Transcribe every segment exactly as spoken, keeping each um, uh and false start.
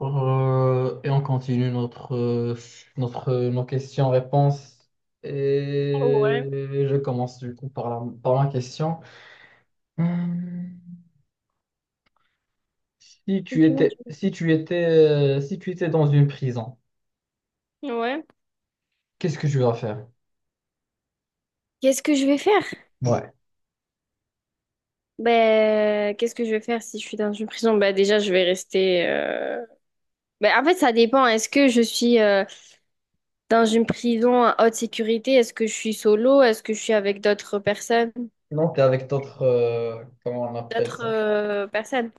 Euh, et on continue notre, euh, notre, euh, nos questions-réponses. Et Ouais. je commence du coup par la, par ma question. Hmm, Si tu Dis-moi, étais, dis-moi. si tu étais, euh, si tu étais dans une prison, Ouais. qu'est-ce que tu vas faire? Qu'est-ce que je vais faire? Ouais. Ben, qu'est-ce que je vais faire si je suis dans une prison? Ben, déjà, je vais rester. euh, Ben, en fait, ça dépend. Est-ce que je suis euh, dans une prison à haute sécurité? Est-ce que je suis solo? Est-ce que je suis avec d'autres personnes? Non, t'es avec d'autres, euh, comment on appelle D'autres ça? euh, personnes?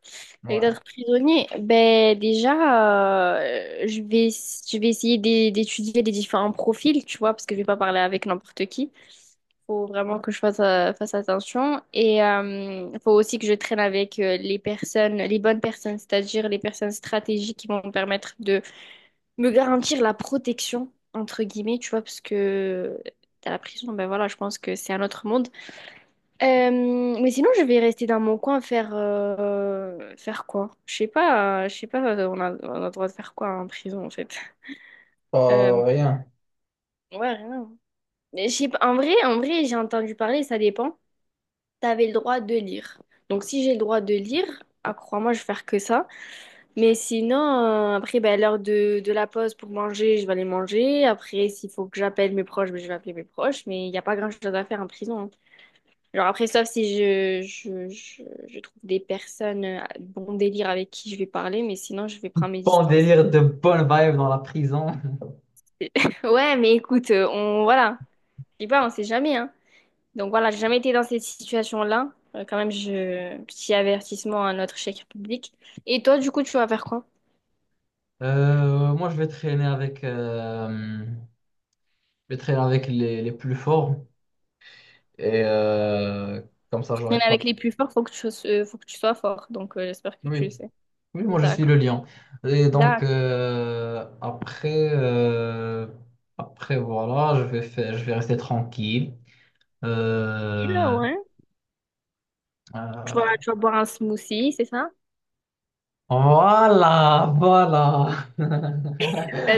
Avec Ouais. d'autres prisonniers? Ben, déjà, euh, je vais, je vais essayer d'é- d'étudier les différents profils, tu vois, parce que je vais pas parler avec n'importe qui. Faut vraiment que je fasse, euh, fasse attention. Et il faut aussi que je traîne avec euh, les personnes, les bonnes personnes, c'est-à-dire les personnes stratégiques qui vont me permettre de me garantir la protection, entre guillemets, tu vois, parce que à la prison, ben voilà, je pense que c'est un autre monde. Euh, mais sinon, je vais rester dans mon coin, faire, euh, faire quoi? Je sais pas, euh, je sais pas, euh, on a, on a le droit de faire quoi en prison, en fait. Pas Euh, rien. ouais, rien. Mais je sais pas, en vrai, en vrai, j'ai entendu parler, ça dépend. T'avais le droit de lire. Donc si j'ai le droit de lire, ah, crois-moi, je vais faire que ça. Mais sinon, euh, après, ben, l'heure de, de la pause pour manger, je vais aller manger. Après, s'il faut que j'appelle mes proches, ben, je vais appeler mes proches. Mais il n'y a pas grand-chose à faire en prison, hein. Genre après, sauf si je, je, je, je trouve des personnes euh, bon délire avec qui je vais parler, mais sinon, je vais prendre mes Bon distances. délire de bonne vibe dans la prison. Ouais, mais écoute, euh, on, voilà. Je dis pas, on sait jamais, hein. Donc voilà, j'ai jamais été dans cette situation-là. Euh, quand même, je... petit avertissement à notre chèque public. Et toi, du coup, tu vas faire quoi? Euh, moi, je vais traîner avec, euh, je vais traîner avec les, les plus forts. Et euh, comme ça, Pour j'aurais traîner pas. avec les plus forts, faut que tu, euh, faut que tu sois fort. Donc, euh, j'espère que tu Oui, le sais. oui, moi je suis D'accord. le lion. Et donc D'accord. euh, après, euh, après voilà, je vais faire, je vais rester tranquille. Là, Euh, ouais. Tu euh, vas, tu vas boire un smoothie, c'est ça? voilà, voilà,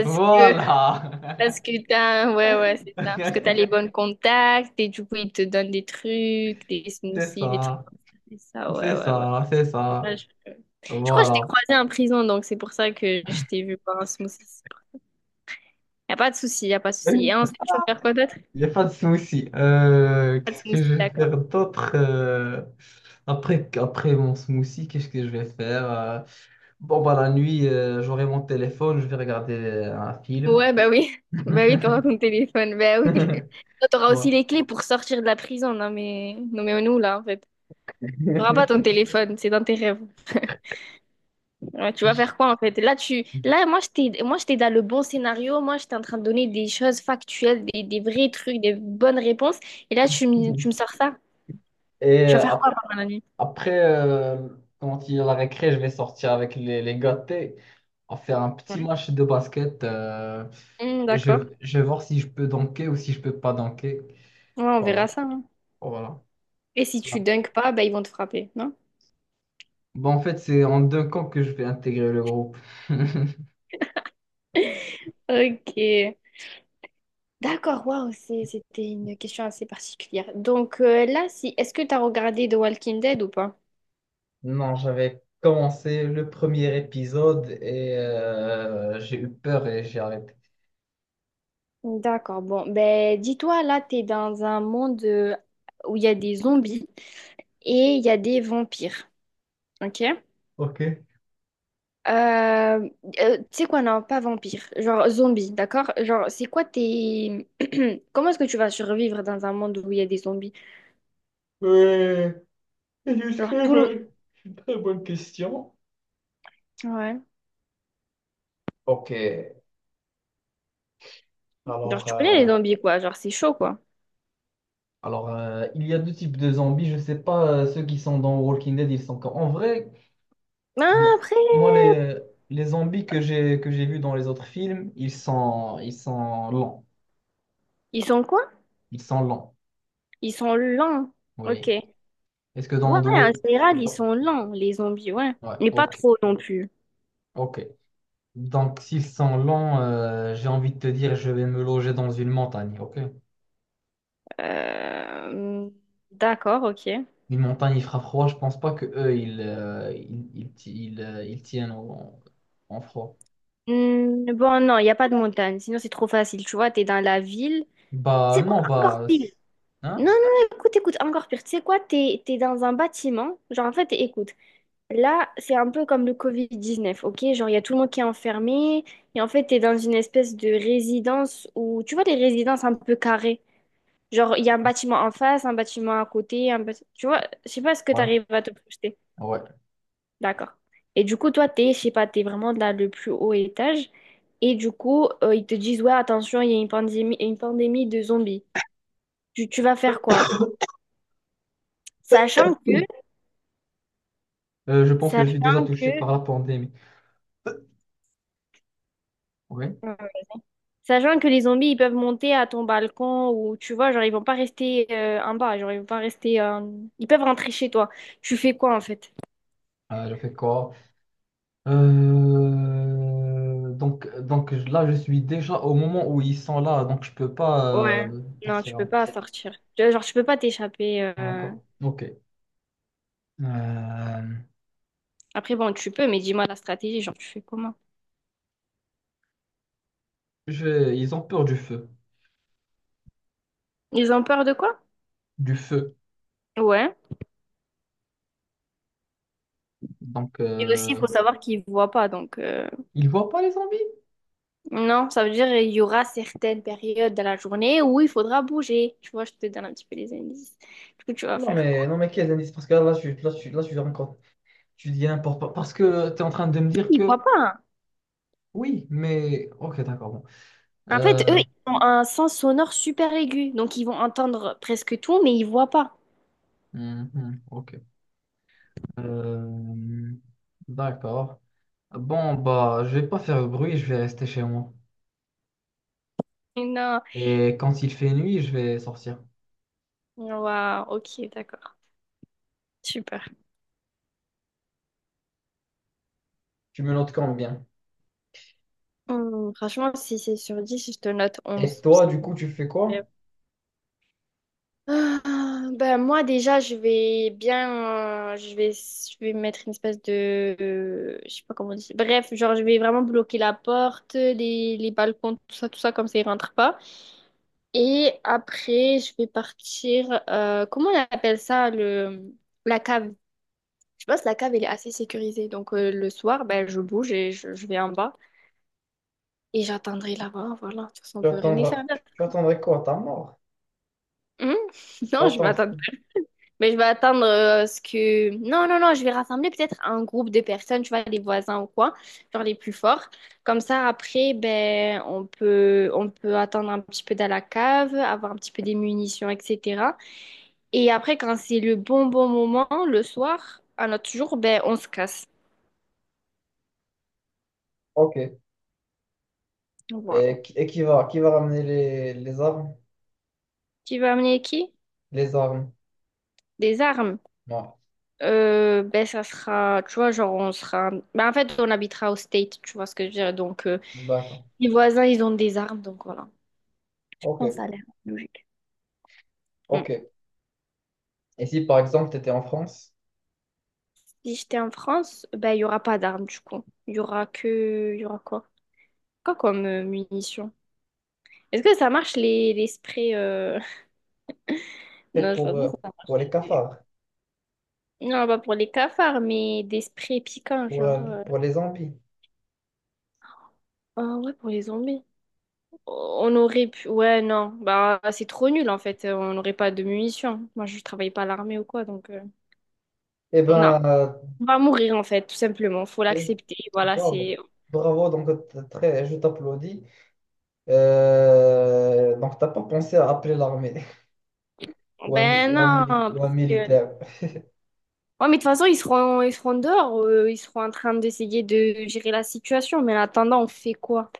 que, voilà. parce que t'as, ouais, ouais, c'est ça. Parce que t'as les bons contacts et du coup, ils te donnent des trucs, des C'est smoothies, des trucs ça, comme ça. C'est ça, ouais, c'est ouais, ouais. ça, c'est Je sais pas, ça. je- je crois que je t'ai Voilà. croisé en prison, donc c'est pour ça que je t'ai vu boire un smoothie. Y a pas de souci, y a pas de souci. Et ensuite, tu vas faire quoi d'autre? Il n'y a pas de souci. Euh, Pas de qu'est-ce que souci, je vais d'accord. faire d'autre euh, après, après mon smoothie, qu'est-ce que je vais faire? euh, bon, bah, la nuit, euh, j'aurai mon téléphone, je vais regarder euh, un film. Ouais, bah oui. Bah oui, t'auras ton téléphone. Bah oui. Toi, t'auras aussi Voilà. les clés pour sortir de la prison. Non, mais, non, mais nous, là, en fait. T'auras pas ton téléphone, c'est dans tes rêves. Ouais, tu vas faire quoi, en fait? Là, tu... là, moi, j'étais moi, j'étais dans le bon scénario. Moi, j'étais en train de donner des choses factuelles, des, des vrais trucs, des bonnes réponses. Et là, tu me, tu me sors ça. Et Tu vas euh, faire quoi ap- pendant la nuit? après, euh, quand il y a la récré, je vais sortir avec les, les gâtés. On va faire un petit Ouais. match de basket. euh, Hmm, et d'accord. je, je vais voir si je peux dunker ou si je peux pas dunker. Ouais, on verra Voilà. ça, hein. Voilà. Et si tu dunks pas, bah, ils vont te frapper, non? Bon, en fait, c'est en deux camps que je vais intégrer le groupe. Ok. D'accord, waouh, c'est- c'était une question assez particulière. Donc, euh, là, si, est-ce que tu as regardé The Walking Dead ou pas? Non, j'avais commencé le premier épisode et euh, j'ai eu peur et j'ai arrêté. D'accord, bon, ben dis-toi, là, t'es dans un monde euh, où il y a des zombies et il y a des vampires, ok? Ok. Euh, euh, Tu sais quoi, non, pas vampires, genre zombies, d'accord? Genre, c'est quoi tes... Comment est-ce que tu vas survivre dans un monde où il y a des zombies? Ouais, c'est une Genre, très tout le... bonne, une très bonne question. Ouais. Ok. Genre, Alors, tu connais les euh, zombies, quoi, genre, c'est chaud, quoi. alors euh, il y a deux types de zombies. Je sais pas, euh, ceux qui sont dans Walking Dead, ils sont quand... En vrai, Ah, bon, après, moi, les, les zombies que j'ai que j'ai vus dans les autres films, ils sont, ils sont lents. ils sont quoi? Ils sont lents. Ils sont lents. Ok. Oui. Ouais, Est-ce que dans en Underworld... général, ils dans- sont lents, les zombies, ouais. Ouais, Mais pas ok, trop non plus. ok. Donc, s'ils sont lents, euh, j'ai envie de te dire, je vais me loger dans une montagne, ok? Euh, D'accord, ok. Une montagne, il fera froid, je pense pas que eux, ils, euh, ils, ils, ti- ils, euh, ils tiennent en, en froid. Hmm, bon, non, il n'y a pas de montagne. Sinon, c'est trop facile. Tu vois, t'es dans la ville. C'est Bah, quoi non, encore bah... c'est- pire? Non, non, Hein? non, écoute, écoute, encore pire. Tu sais quoi, t'es, t'es dans un bâtiment. Genre, en fait, écoute, là, c'est un peu comme le covid dix-neuf, ok? Genre, il y a tout le monde qui est enfermé. Et en fait, t'es dans une espèce de résidence où, tu vois, les résidences un peu carrées. Genre, il y a un bâtiment en face, un bâtiment à côté, un bâti- tu vois, je sais pas ce que tu Ouais, arrives à te projeter. ouais. D'accord. Et du coup, toi, t'es, je sais pas, t'es vraiment dans le plus haut étage. Et du coup, euh, ils te disent, ouais, attention, il y a une pandémie, une pandémie de zombies. Tu, tu vas faire quoi? Sachant que, Euh, je pense que je suis déjà sachant touché que, par la pandémie. Ouais. euh, sachant que les zombies, ils peuvent monter à ton balcon ou, tu vois, genre, ils vont pas rester euh, en bas, genre, ils vont pas rester, euh, ils peuvent rentrer chez toi. Tu fais quoi, en fait? Euh, je fais quoi? Euh, Donc, donc je- là, je suis déjà au moment où ils sont là, donc je peux pas Ouais. euh, Non, tu partir. peux pas sortir. Tu Genre, tu peux pas t'échapper, euh. D'accord. Ok. Euh, Après, bon, tu peux, mais dis-moi la stratégie, genre, tu fais comment? je- Ils ont peur du feu. Ils ont peur de quoi? Du feu. Ouais. Donc, Et aussi, il euh, faut savoir qu'ils voient pas. Donc, euh, ils voient pas les zombies? non, ça veut dire il y aura certaines périodes de la journée où il faudra bouger. Tu vois, je te donne un petit peu les indices. Du coup, tu vas Non, faire mais, quoi? non, mais quels indices? Parce que là, là, je, suis- là, je, suis- là, je suis encore. Tu dis n'importe quoi. Parce que tu es en train de me dire Ils que. voient pas, hein. Oui, mais. Ok, d'accord. Bon. En fait, eux, Euh, ils ont un sens sonore super aigu. Donc, ils vont entendre presque tout, mais ils voient pas. hum, hum, ok. Euh, D'accord. Bon, bah, je vais pas faire de bruit, je vais rester chez moi. Non. Et quand il fait nuit, je vais sortir. Ouais, ok, d'accord. Super. Tu me notes quand bien. Hum, franchement, si c'est sur dix, je te note Et onze. toi, du coup, tu fais quoi? C'est- Ah, ben moi déjà je vais bien, euh, je vais je vais mettre une espèce de, euh, je sais pas comment dire, bref, genre je vais vraiment bloquer la porte, les, les balcons, tout ça, tout ça, comme ça ils rentrent pas, et après je vais partir, euh, comment on appelle ça, le la cave. Je pense que la cave elle est assez sécurisée, donc, euh, le soir, ben je bouge et je, je vais en bas, et j'attendrai là-bas. Voilà, de toute façon on Tu peut rien y attendras, faire. tu attendrais quoi? Ta mort? Hum. Tu Non, vas je attendre. m'attends. Mais je vais attendre, euh, ce que... Non, non, non, je vais rassembler peut-être un groupe de personnes, tu vois, les voisins ou quoi, genre les plus forts. Comme ça, après, ben, on peut, on peut attendre un petit peu dans la cave, avoir un petit peu des munitions, et cetera. Et après, quand c'est le bon, bon moment, le soir, à notre jour, ben, on se casse. Ok. Voilà. Et, qui- et qui va, qui va ramener les, les armes? Tu veux amener qui? Les armes. Des armes. Ouais. Euh, ben, ça sera, tu vois, genre, on sera... Ben, en fait, on habitera au state, tu vois ce que je veux dire. Donc, euh, D'accord. les voisins, ils ont des armes, donc voilà. Ok. Non, ça a l'air logique. Mm. Ok. Et si par exemple tu étais en France, Si j'étais en France, ben, il n'y aura pas d'armes du coup. Il y aura que... Il y aura quoi? Quoi comme, euh, munitions? Est-ce que ça marche, les, les sprays... euh, et Non, je vois pour, pas euh, ça marche. pour les les- cafards, Non, pas pour les cafards, mais des sprays piquants, pour, genre... euh, euh, pour les zombies, Ah ouais, pour les zombies. On aurait pu... Ouais, non. Bah, c'est trop nul, en fait. On n'aurait pas de munitions. Moi, je travaille pas à l'armée ou quoi, donc... euh, eh Non. ben, euh, On va mourir, en fait, tout simplement. Faut je- l'accepter. Voilà, bravo. c'est... Bravo, donc t- très, je t'applaudis. Euh, donc t'as pas pensé à appeler l'armée ou un, mi- Ben ou un non, mili- parce ou un que... militaire. Ouais, mais de toute façon, ils seront, ils seront dehors, euh, ils seront en train d'essayer de gérer la situation, mais en attendant, on fait quoi?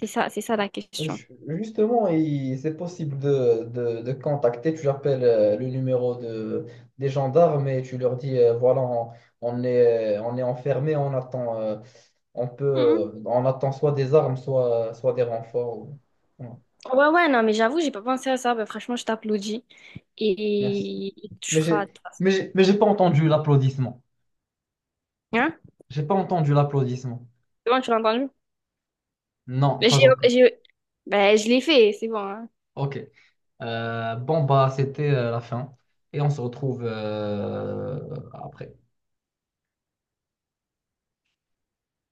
C'est ça, c'est ça la question. Ju- Justement, il- c'est possible de, de, de contacter. Tu appelles euh, le numéro de, des gendarmes et tu leur dis euh, voilà, on, on est, on est enfermé, on attend, euh, on peut, euh, Mhm. on attend soit des armes, soit, soit des renforts. Ou- Voilà. Ouais, ouais, non, mais j'avoue, j'ai pas pensé à ça. Bah, franchement, je t'applaudis. Merci. Et, et tu Mais feras. j'ai, mais j'ai, mais j'ai pas entendu l'applaudissement. Hein? J'ai pas entendu l'applaudissement. C'est bon, tu l'as entendu? Non, Mais J'ai, pas encore. j'ai... Ben, je l'ai fait, c'est bon, hein. Ok. Euh, bon, bah, c'était euh, la fin. Et on se retrouve euh, après.